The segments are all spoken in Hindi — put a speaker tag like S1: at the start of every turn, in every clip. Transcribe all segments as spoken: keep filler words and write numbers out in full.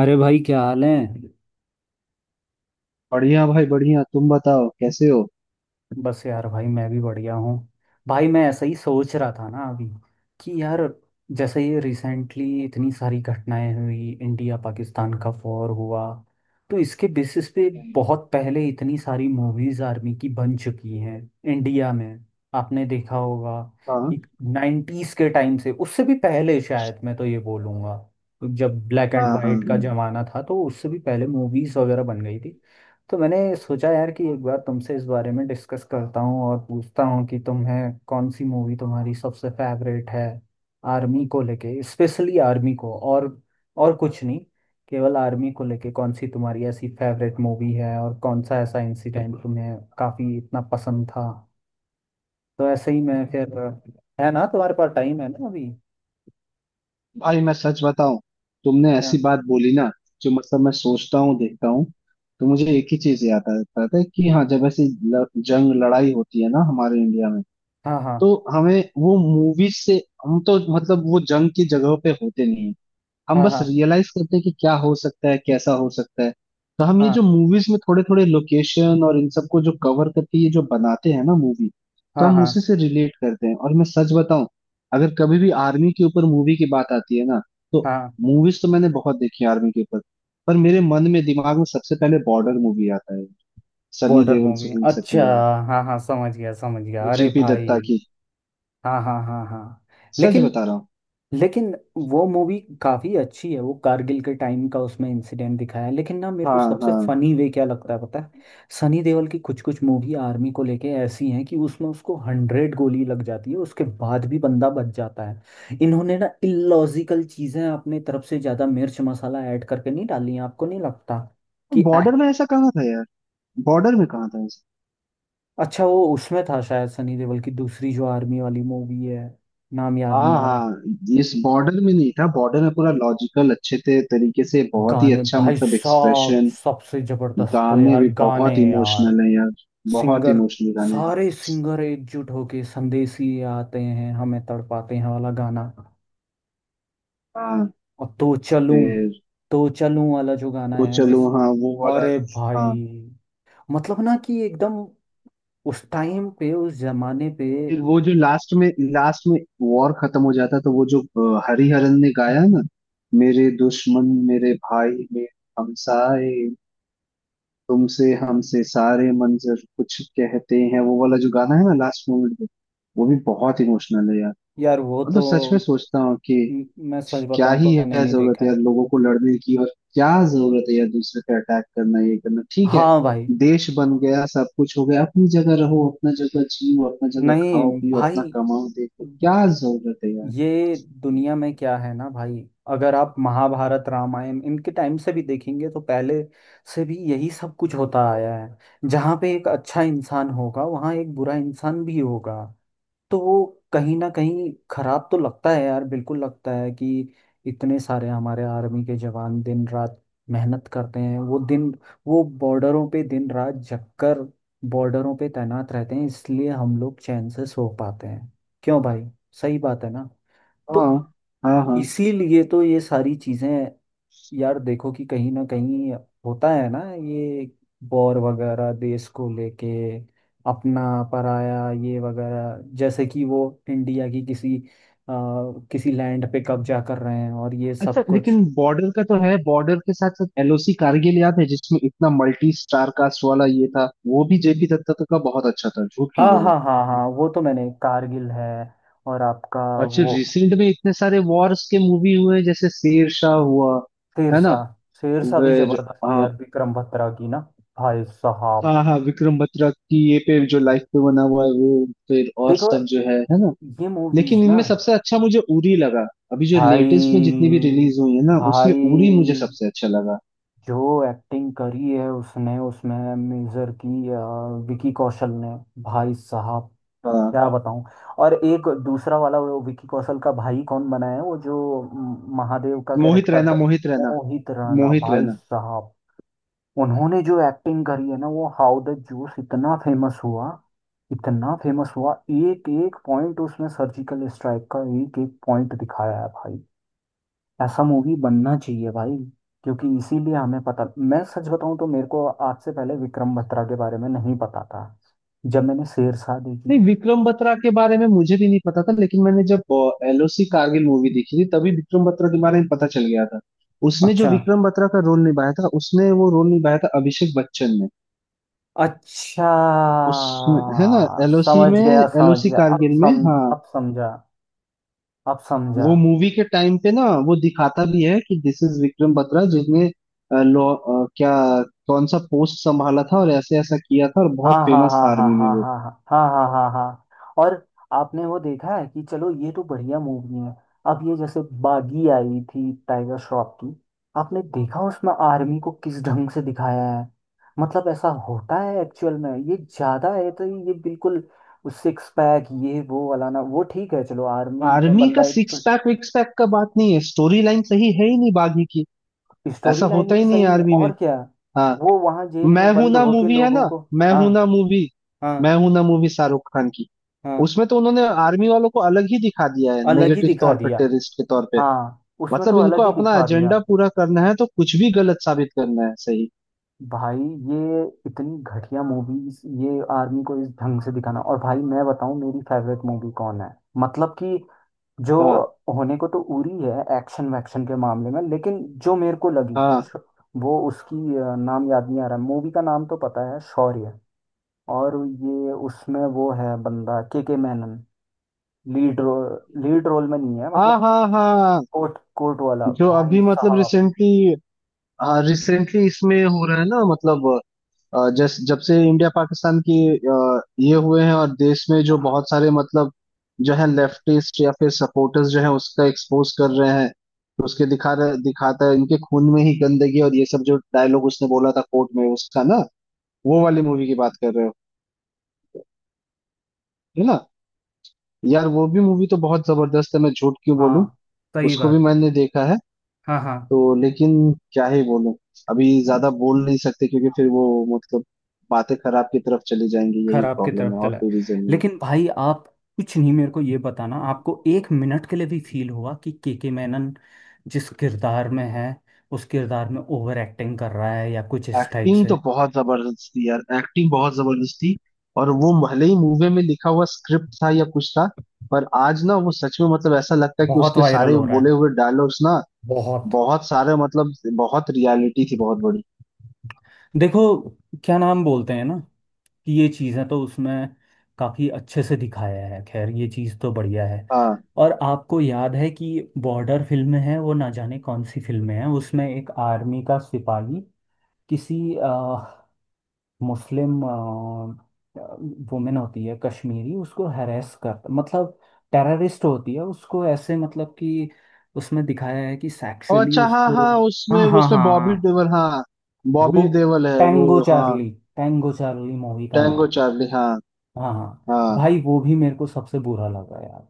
S1: अरे भाई, क्या हाल है।
S2: बढ़िया भाई बढ़िया। तुम बताओ कैसे हो।
S1: बस यार भाई, मैं भी बढ़िया हूँ। भाई मैं ऐसा ही सोच रहा था ना अभी कि यार, जैसे ये रिसेंटली इतनी सारी घटनाएं हुई, इंडिया पाकिस्तान का वॉर हुआ, तो इसके बेसिस पे
S2: हम्म,
S1: बहुत पहले इतनी सारी मूवीज आर्मी की बन चुकी हैं इंडिया में। आपने देखा होगा
S2: हाँ
S1: कि नाइन्टीज के टाइम से, उससे भी पहले शायद, मैं तो ये बोलूँगा जब ब्लैक
S2: हाँ
S1: एंड
S2: हाँ
S1: वाइट का
S2: हाँ।
S1: जमाना था, तो उससे भी पहले मूवीज वगैरह बन गई थी। तो मैंने सोचा यार कि एक बार तुमसे इस बारे में डिस्कस करता हूँ और पूछता हूँ कि तुम्हें कौन सी मूवी तुम्हारी सबसे फेवरेट है, आर्मी को लेके, स्पेशली आर्मी को और। और कुछ नहीं, केवल आर्मी को लेके कौन सी तुम्हारी ऐसी फेवरेट मूवी है, और कौन सा ऐसा इंसिडेंट तुम्हें काफी इतना पसंद था। तो ऐसे ही मैं फिर, है ना, तुम्हारे पास टाइम है ना अभी?
S2: भाई मैं सच बताऊं, तुमने
S1: हाँ,
S2: ऐसी बात बोली ना, जो मतलब मैं सोचता हूँ देखता हूँ, तो मुझे एक ही चीज याद आता है कि हाँ, जब ऐसी ल- जंग लड़ाई होती है ना हमारे इंडिया में,
S1: हाँ,
S2: तो हमें वो मूवीज से, हम तो मतलब वो जंग की जगह पे होते नहीं है। हम
S1: हाँ,
S2: बस
S1: हाँ,
S2: रियलाइज करते हैं कि क्या हो सकता है, कैसा हो सकता है। तो हम ये
S1: हाँ,
S2: जो मूवीज में थोड़े थोड़े लोकेशन और इन सबको जो कवर करके ये जो बनाते हैं ना मूवी,
S1: हाँ,
S2: तो
S1: हाँ,
S2: हम उसी
S1: हाँ,
S2: से रिलेट करते हैं। और मैं सच बताऊं, अगर कभी भी आर्मी के ऊपर मूवी की बात आती है ना, तो
S1: हाँ।
S2: मूवीज तो मैंने बहुत देखी है आर्मी के ऊपर, पर मेरे मन में दिमाग में सबसे पहले बॉर्डर मूवी आता है। सनी
S1: बॉर्डर
S2: देओल
S1: मूवी,
S2: सुनील
S1: अच्छा।
S2: शेट्टी वाला,
S1: हाँ हाँ, समझ गया समझ गया, अरे
S2: जेपी
S1: भाई।
S2: दत्ता की।
S1: हाँ हाँ हाँ हाँ।
S2: सच
S1: लेकिन,
S2: बता रहा हूँ।
S1: लेकिन वो मूवी काफी अच्छी है, वो कारगिल के टाइम का उसमें इंसिडेंट दिखाया है, लेकिन ना, मेरे को
S2: हाँ
S1: सबसे
S2: हाँ।
S1: फनी वे क्या लगता है पता है? सनी देओल की कुछ कुछ मूवी आर्मी को लेके ऐसी हैं कि उसमें उसको हंड्रेड गोली लग जाती है, उसके बाद भी बंदा बच जाता है। इन्होंने ना इलॉजिकल चीजें अपने तरफ से ज्यादा मिर्च मसाला ऐड करके नहीं डाली हैं, आपको नहीं लगता कि act-
S2: बॉर्डर में ऐसा कहाँ था यार। बॉर्डर में कहाँ था ऐसा।
S1: अच्छा, वो उसमें था शायद, सनी देओल की दूसरी जो आर्मी वाली मूवी है, नाम याद
S2: हाँ
S1: नहीं आ रहा।
S2: हाँ। इस बॉर्डर में नहीं था। बॉर्डर में पूरा लॉजिकल अच्छे थे, तरीके से बहुत ही
S1: गाने
S2: अच्छा
S1: भाई
S2: मतलब
S1: साहब
S2: एक्सप्रेशन।
S1: सबसे जबरदस्त, तो
S2: गाने
S1: यार
S2: भी
S1: गाने
S2: बहुत
S1: यार।
S2: इमोशनल है यार। बहुत
S1: सिंगर,
S2: इमोशनल गाने हैं।
S1: सारे सिंगर एकजुट होके संदेशी आते हैं हमें तड़पाते हैं वाला गाना।
S2: हाँ।
S1: और तो चलूं,
S2: फिर
S1: तो चलूं वाला जो गाना
S2: तो
S1: है
S2: चलो,
S1: जिस,
S2: हाँ वो वाला।
S1: अरे
S2: हाँ,
S1: भाई, मतलब ना कि एकदम उस टाइम पे, उस जमाने पे।
S2: फिर वो जो लास्ट में, लास्ट में वॉर खत्म हो जाता, तो वो जो अ, हरिहरन ने गाया ना, मेरे दुश्मन मेरे भाई मेरे हमसाए, तुमसे हमसे सारे मंजर कुछ कहते हैं, वो वाला जो गाना है ना लास्ट मोमेंट पे, वो भी बहुत इमोशनल है यार।
S1: यार वो
S2: मतलब
S1: तो,
S2: सच में सोचता हूँ कि
S1: म- मैं सच
S2: क्या
S1: बताऊं तो
S2: ही
S1: मैंने
S2: है
S1: नहीं
S2: जरूरत
S1: देखा
S2: यार
S1: है।
S2: लोगों को लड़ने की। और क्या जरूरत है यार दूसरे पे अटैक करना, ये करना ठीक है।
S1: हाँ भाई।
S2: देश बन गया, सब कुछ हो गया, अपनी जगह रहो, अपना जगह जियो, अपना जगह
S1: नहीं
S2: खाओ पियो,
S1: भाई,
S2: अपना कमाओ, देखो क्या जरूरत है यार।
S1: ये दुनिया में क्या है ना भाई, अगर आप महाभारत रामायण इनके टाइम से भी देखेंगे तो पहले से भी यही सब कुछ होता आया है। जहाँ पे एक अच्छा इंसान होगा, वहाँ एक बुरा इंसान भी होगा। तो वो कहीं ना कहीं खराब तो लगता है यार, बिल्कुल लगता है कि इतने सारे हमारे आर्मी के जवान दिन रात मेहनत करते हैं, वो दिन, वो बॉर्डरों पे दिन रात जगकर, बॉर्डरों पे तैनात रहते हैं, इसलिए हम लोग चैन से सो पाते हैं। क्यों भाई, सही बात है ना? तो
S2: हाँ हाँ हाँ।
S1: इसीलिए तो ये सारी चीजें, यार देखो कि कहीं ना कहीं होता है ना ये वॉर वगैरह देश को लेके, अपना पराया ये वगैरह, जैसे कि वो इंडिया की किसी अ, किसी लैंड पे कब्जा कर रहे हैं, और ये
S2: अच्छा,
S1: सब कुछ।
S2: लेकिन बॉर्डर का तो है, बॉर्डर के साथ साथ एलओसी कारगिल याद है जिसमें इतना मल्टी स्टार कास्ट वाला ये था। वो भी जेपी दत्ता तो का बहुत अच्छा था, झूठ क्यों
S1: हाँ
S2: बोलूं।
S1: हाँ हाँ हाँ, वो तो मैंने कारगिल है, और आपका
S2: अच्छा,
S1: वो
S2: रिसेंट में इतने सारे वॉर्स के मूवी हुए, जैसे शेरशाह हुआ, है ना।
S1: शेरशाह, शेरशाह भी
S2: फिर
S1: जबरदस्त थी
S2: हाँ
S1: यार, विक्रम बत्रा की ना। भाई साहब,
S2: हाँ हाँ, विक्रम बत्रा की ये पे जो लाइफ पे बना हुआ है वो, फिर और
S1: देखो
S2: सब जो है है ना।
S1: ये मूवीज
S2: लेकिन
S1: ना,
S2: इनमें सबसे अच्छा मुझे उरी लगा। अभी जो
S1: भाई,
S2: लेटेस्ट में जितनी भी रिलीज हुई है ना, उसमें
S1: भाई
S2: उरी मुझे सबसे अच्छा लगा।
S1: जो एक्टिंग करी है उसने, उसमें मेजर की अ, विकी कौशल ने, भाई साहब
S2: हाँ।
S1: क्या बताऊं। और एक दूसरा वाला वो विकी कौशल का भाई कौन बना है, वो जो म, महादेव का
S2: मोहित
S1: कैरेक्टर
S2: रैना,
S1: कर,
S2: मोहित रैना।
S1: मोहित राणा
S2: मोहित
S1: भाई
S2: रैना।
S1: साहब। उन्होंने जो एक्टिंग करी है ना, वो हाउ द जूस इतना फेमस हुआ, इतना फेमस हुआ। एक एक पॉइंट उसमें सर्जिकल स्ट्राइक का, एक एक पॉइंट दिखाया है भाई। ऐसा मूवी बनना चाहिए भाई, क्योंकि इसीलिए हमें पता, मैं सच बताऊं तो मेरे को आज से पहले विक्रम बत्रा के बारे में नहीं पता था, जब मैंने शेरशाह
S2: नहीं,
S1: देखी।
S2: विक्रम बत्रा के बारे में मुझे भी नहीं पता था, लेकिन मैंने जब एलओसी कारगिल मूवी देखी थी तभी विक्रम बत्रा के बारे में पता चल गया था। उसमें जो
S1: अच्छा,
S2: विक्रम बत्रा का रोल निभाया था, उसने वो रोल निभाया था अभिषेक बच्चन ने।
S1: अच्छा,
S2: उसमें, है ना, एलओसी
S1: समझ
S2: में।
S1: गया समझ
S2: एलओसी
S1: गया, अब
S2: कारगिल में,
S1: सम,
S2: हाँ।
S1: अब समझा, अब समझा।
S2: वो मूवी के टाइम पे ना वो दिखाता भी है कि दिस इज विक्रम बत्रा, जिसने अ, लॉ अ, क्या, कौन सा पोस्ट संभाला था और ऐसे ऐसा किया था, और
S1: हाँ,
S2: बहुत
S1: हाँ,
S2: फेमस
S1: हाँ,
S2: था
S1: हाँ,
S2: आर्मी में
S1: हाँ,
S2: वो।
S1: हाँ, हाँ, हाँ, हाँ, हाँ, हाँ। और आपने वो देखा है कि चलो ये तो बढ़िया मूवी है, अब ये जैसे बागी आई थी टाइगर श्रॉफ की, आपने देखा उसमें आर्मी को किस ढंग से दिखाया है? मतलब ऐसा होता है एक्चुअल में? ये ज्यादा है तो, ये बिल्कुल सिक्स पैक ये वो वाला ना, वो ठीक है, चलो आर्मी का
S2: आर्मी का
S1: बंदा एक,
S2: सिक्स पैक विक्स पैक का बात नहीं है, स्टोरी लाइन सही है ही नहीं बागी की। ऐसा
S1: स्टोरी लाइन
S2: होता
S1: भी
S2: ही नहीं है
S1: सही नहीं,
S2: आर्मी में।
S1: और क्या।
S2: हाँ।
S1: वो वहां जेल
S2: मैं
S1: में
S2: हूं
S1: बंद
S2: ना
S1: होके
S2: मूवी, है
S1: लोगों
S2: ना।
S1: को,
S2: मैं
S1: हाँ
S2: हूं ना मूवी।
S1: हाँ
S2: मैं हूं ना मूवी, शाहरुख खान की।
S1: हाँ,
S2: उसमें तो उन्होंने आर्मी वालों को अलग ही दिखा दिया है,
S1: अलग ही
S2: नेगेटिव
S1: दिखा
S2: तौर पे,
S1: दिया।
S2: टेररिस्ट के तौर पे।
S1: हाँ, उसमें तो
S2: मतलब इनको
S1: अलग ही
S2: अपना
S1: दिखा
S2: एजेंडा
S1: दिया।
S2: पूरा करना है, तो कुछ भी गलत साबित करना है, सही।
S1: भाई, ये इतनी घटिया मूवीज, ये आर्मी को इस ढंग से दिखाना। और भाई मैं बताऊं मेरी फेवरेट मूवी कौन है, मतलब कि जो
S2: हाँ
S1: होने को तो उरी है एक्शन वैक्शन के मामले में, लेकिन जो मेरे को लगी
S2: हाँ
S1: श- वो उसकी अ, नाम याद नहीं आ रहा, मूवी का नाम तो पता है, शौर्य। और ये उसमें वो है बंदा K K Menon. Lead role, lead role में नहीं है,
S2: हाँ
S1: मतलब
S2: हाँ हाँ।
S1: कोट कोट वाला
S2: जो
S1: भाई
S2: अभी मतलब
S1: साहब।
S2: रिसेंटली रिसेंटली इसमें हो रहा है ना, मतलब अ, जस जब से इंडिया पाकिस्तान की अ, ये हुए हैं और देश में जो बहुत सारे मतलब जो है लेफ्टिस्ट या फिर सपोर्टर्स जो है, उसका एक्सपोज कर रहे हैं। तो उसके दिखा रहे, दिखाता है इनके खून में ही गंदगी और ये सब, जो डायलॉग उसने बोला था कोर्ट में उसका ना, वो वाली मूवी की बात कर रहे हो, है ना। यार वो भी मूवी तो बहुत जबरदस्त है, मैं झूठ क्यों बोलूं।
S1: हाँ सही
S2: उसको भी
S1: बात।
S2: मैंने देखा है।
S1: हाँ हाँ।
S2: तो लेकिन क्या ही बोलूं। अभी ज्यादा बोल नहीं सकते क्योंकि फिर वो, मतलब बातें खराब की तरफ चली जाएंगी, यही
S1: खराब की
S2: प्रॉब्लम
S1: तरफ
S2: है, और
S1: चला है,
S2: कोई रीजन नहीं।
S1: लेकिन भाई आप, कुछ नहीं, मेरे को ये बताना, आपको एक मिनट के लिए भी फील हुआ कि केके मैनन जिस किरदार में है, उस किरदार में ओवर एक्टिंग कर रहा है या कुछ इस टाइप
S2: एक्टिंग
S1: से?
S2: तो बहुत जबरदस्त थी यार, एक्टिंग बहुत जबरदस्त थी। और वो भले ही मूवी में लिखा हुआ स्क्रिप्ट था या कुछ था, पर आज ना वो सच में मतलब ऐसा लगता है कि
S1: बहुत
S2: उसके
S1: वायरल
S2: सारे
S1: हो रहा
S2: बोले
S1: है,
S2: हुए डायलॉग्स ना,
S1: बहुत।
S2: बहुत सारे मतलब बहुत रियलिटी थी, बहुत बड़ी।
S1: देखो, क्या नाम बोलते हैं ना, कि ये चीज़ें तो उसमें काफ़ी अच्छे से दिखाया है, खैर ये चीज़ तो बढ़िया है।
S2: हाँ।
S1: और आपको याद है कि बॉर्डर फिल्म है वो, ना जाने कौन सी फिल्म है, उसमें एक आर्मी का सिपाही किसी अ, मुस्लिम वुमेन होती है कश्मीरी, उसको हैरेस कर, मतलब टेररिस्ट होती है, उसको ऐसे मतलब कि, उसमें दिखाया है कि
S2: और
S1: सेक्सुअली
S2: अच्छा, हाँ
S1: उसको,
S2: हाँ, उसमें
S1: हाँ हाँ
S2: उसमें
S1: हाँ हाँ,
S2: बॉबी देओल, हाँ।
S1: वो
S2: बॉबी देओल है
S1: टैंगो
S2: वो, हाँ।
S1: चार्ली, टैंगो चार्ली मूवी का
S2: टैंगो
S1: नाम।
S2: चार्ली, हाँ
S1: हाँ हाँ।
S2: हाँ
S1: भाई वो भी मेरे को सबसे बुरा लगा यार,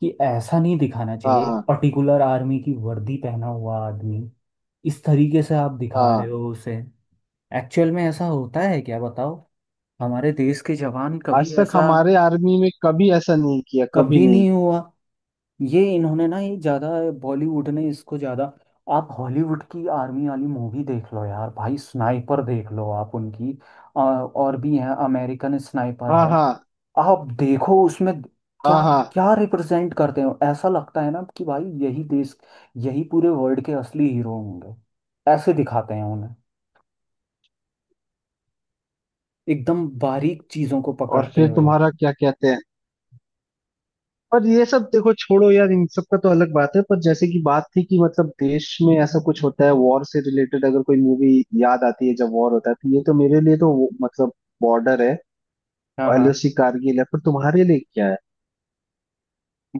S1: कि ऐसा नहीं दिखाना
S2: हाँ
S1: चाहिए। एक
S2: हाँ
S1: पर्टिकुलर आर्मी की वर्दी पहना हुआ आदमी, इस तरीके से आप दिखा रहे हो
S2: हाँ।
S1: उसे, एक्चुअल में ऐसा होता है क्या? बताओ, हमारे देश के जवान
S2: आज
S1: कभी
S2: तक
S1: ऐसा,
S2: हमारे आर्मी में कभी ऐसा नहीं किया, कभी
S1: कभी
S2: नहीं।
S1: नहीं हुआ। ये इन्होंने ना, ये ज्यादा बॉलीवुड ने इसको ज्यादा, आप हॉलीवुड की आर्मी वाली मूवी देख लो यार भाई, स्नाइपर देख लो आप उनकी, आ, और भी है अमेरिकन स्नाइपर
S2: हाँ
S1: है,
S2: हाँ
S1: आप देखो उसमें,
S2: हाँ
S1: क्या,
S2: हाँ।
S1: क्या रिप्रेजेंट करते हो, ऐसा लगता है ना कि भाई यही देश, यही पूरे वर्ल्ड के असली हीरो होंगे, ऐसे दिखाते हैं उन्हें, एकदम बारीक चीजों को
S2: और
S1: पकड़ते
S2: फिर
S1: हुए।
S2: तुम्हारा क्या कहते हैं, पर ये सब देखो, छोड़ो यार, इन सब का तो अलग बात है। पर जैसे कि बात थी कि मतलब देश में ऐसा कुछ होता है वॉर से रिलेटेड, अगर कोई मूवी याद आती है जब वॉर होता है, तो ये तो मेरे लिए तो वो, मतलब बॉर्डर है
S1: हाँ
S2: और
S1: हाँ।
S2: एलओसी कारगिल है। पर तुम्हारे लिए क्या है,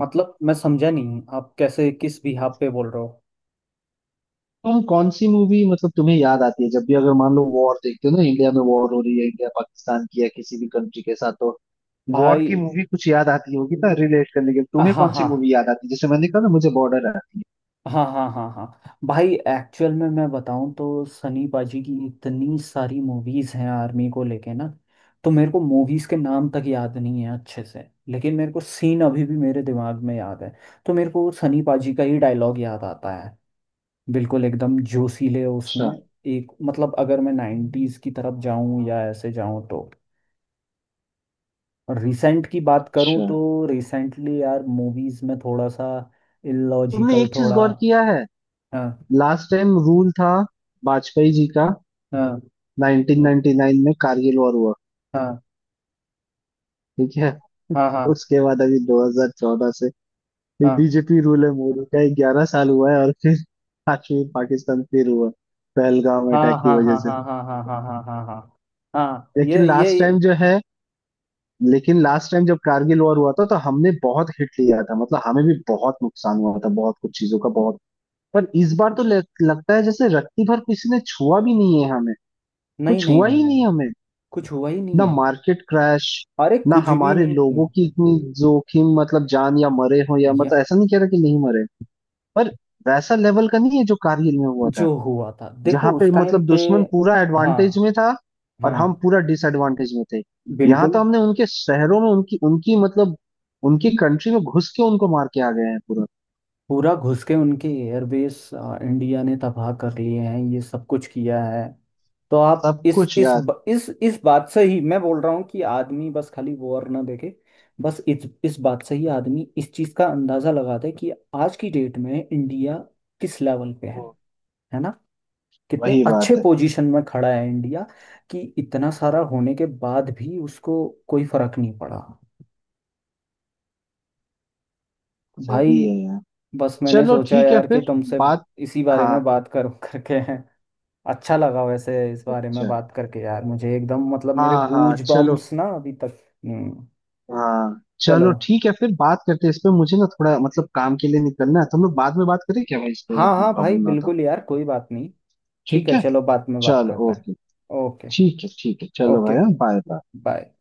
S1: मतलब मैं समझा नहीं, आप कैसे, किस बिहाफ पे बोल रहे हो?
S2: तुम कौन सी मूवी मतलब तुम्हें याद आती है, जब भी अगर मान लो वॉर देखते हो ना, इंडिया में वॉर हो रही है इंडिया पाकिस्तान की या किसी भी कंट्री के साथ, तो वॉर की
S1: भाई,
S2: मूवी कुछ याद आती होगी ना रिलेट करने के लिए। तुम्हें
S1: हाँ
S2: कौन सी
S1: हाँ,
S2: मूवी याद आती है, जैसे मैंने कहा ना मुझे बॉर्डर आती है।
S1: हाँ हाँ, हाँ हाँ भाई, एक्चुअल में मैं बताऊं तो सनी पाजी की इतनी सारी मूवीज हैं आर्मी को लेके ना, तो मेरे को मूवीज के नाम तक याद नहीं है अच्छे से, लेकिन मेरे को सीन अभी भी मेरे दिमाग में याद है, तो मेरे को सनी पाजी का ही डायलॉग याद आता है, बिल्कुल एकदम जोशीले उसमें।
S2: अच्छा।
S1: एक मतलब, अगर मैं नाइन्टीज की तरफ जाऊं या ऐसे जाऊं तो, रिसेंट की बात करूं
S2: अच्छा,
S1: तो, रिसेंटली यार मूवीज में थोड़ा सा
S2: तुमने
S1: इलॉजिकल
S2: एक चीज
S1: थोड़ा,
S2: गौर किया है।
S1: हाँ,
S2: लास्ट टाइम रूल था वाजपेयी जी का।
S1: हाँ,
S2: नाइन्टीन नाइन्टी नाइन में कारगिल वॉर हुआ।
S1: हाँ,
S2: ठीक है।
S1: हाँ, हाँ,
S2: उसके बाद अभी दो हज़ार चौदह से बीजेपी रूल है मोदी का, ग्यारह साल हुआ है। और फिर कश्मीर पाकिस्तान फिर हुआ, पहलगाम
S1: हाँ,
S2: अटैक की
S1: हाँ,
S2: वजह
S1: हाँ,
S2: से।
S1: हाँ, हाँ, हाँ, हाँ, हाँ, हाँ, हाँ, हाँ, हाँ,
S2: लेकिन
S1: ये ये
S2: लास्ट
S1: ये-
S2: टाइम जो है, लेकिन लास्ट टाइम जब कारगिल वॉर हुआ था तो हमने बहुत हिट लिया था, मतलब हमें भी बहुत नुकसान हुआ था, बहुत कुछ चीजों का बहुत। पर इस बार तो लग, लगता है जैसे रत्ती भर किसी ने छुआ भी नहीं है हमें।
S1: नहीं
S2: कुछ
S1: नहीं
S2: हुआ
S1: नहीं
S2: ही नहीं
S1: नहीं,
S2: हमें।
S1: कुछ हुआ ही नहीं
S2: ना
S1: है,
S2: मार्केट क्रैश,
S1: अरे
S2: ना
S1: कुछ भी
S2: हमारे
S1: नहीं,
S2: लोगों की इतनी जोखिम, मतलब जान या मरे हो, या
S1: ये
S2: मतलब ऐसा नहीं कह रहा कि नहीं मरे, पर वैसा लेवल का नहीं है जो कारगिल में हुआ था।
S1: जो हुआ था देखो
S2: जहां
S1: उस
S2: पे
S1: टाइम
S2: मतलब
S1: पे,
S2: दुश्मन पूरा एडवांटेज
S1: हाँ
S2: में था, और हम
S1: हाँ,
S2: पूरा डिसएडवांटेज में थे। यहाँ तो
S1: बिल्कुल
S2: हमने उनके शहरों में उनकी उनकी मतलब उनकी कंट्री में घुस के उनको मार के आ गए हैं, पूरा
S1: पूरा घुस के उनके एयरबेस इंडिया ने तबाह कर लिए हैं, ये सब कुछ किया है। तो आप
S2: सब
S1: इस
S2: कुछ
S1: इस
S2: यार।
S1: ब- इस इस बात से ही मैं बोल रहा हूँ कि आदमी बस खाली वॉर ना देखे, बस इस इस बात से ही आदमी इस चीज का अंदाजा लगा दे कि आज की डेट में इंडिया किस लेवल पे
S2: वो
S1: है है ना, कितने
S2: वही
S1: अच्छे
S2: बात है।
S1: पोजीशन में खड़ा है इंडिया, कि इतना सारा होने के बाद भी उसको कोई फर्क नहीं पड़ा। भाई,
S2: सही है यार।
S1: बस मैंने
S2: चलो
S1: सोचा
S2: ठीक है
S1: यार कि
S2: फिर,
S1: तुमसे
S2: बात।
S1: इसी बारे
S2: हाँ।
S1: में बात करूं करके, अच्छा लगा वैसे इस बारे में
S2: अच्छा,
S1: बात करके यार, मुझे एकदम मतलब मेरे
S2: हाँ हाँ,
S1: गूज
S2: चलो।
S1: बम्स ना अभी तक। हम्म।
S2: हाँ
S1: चलो,
S2: चलो, ठीक है फिर बात करते हैं इस पे। मुझे ना थोड़ा मतलब काम के लिए निकलना है, तो हम लोग बाद में बात करें क्या भाई इस पे, अगर
S1: हाँ
S2: तुम्हें
S1: हाँ भाई,
S2: प्रॉब्लम ना हो तो।
S1: बिल्कुल यार, कोई बात नहीं, ठीक
S2: ठीक
S1: है
S2: है,
S1: चलो, बाद में बात
S2: चलो,
S1: करते हैं।
S2: ओके।
S1: ओके।
S2: ठीक है, ठीक है, चलो
S1: ओके,
S2: भाई। Bye bye.
S1: बाय।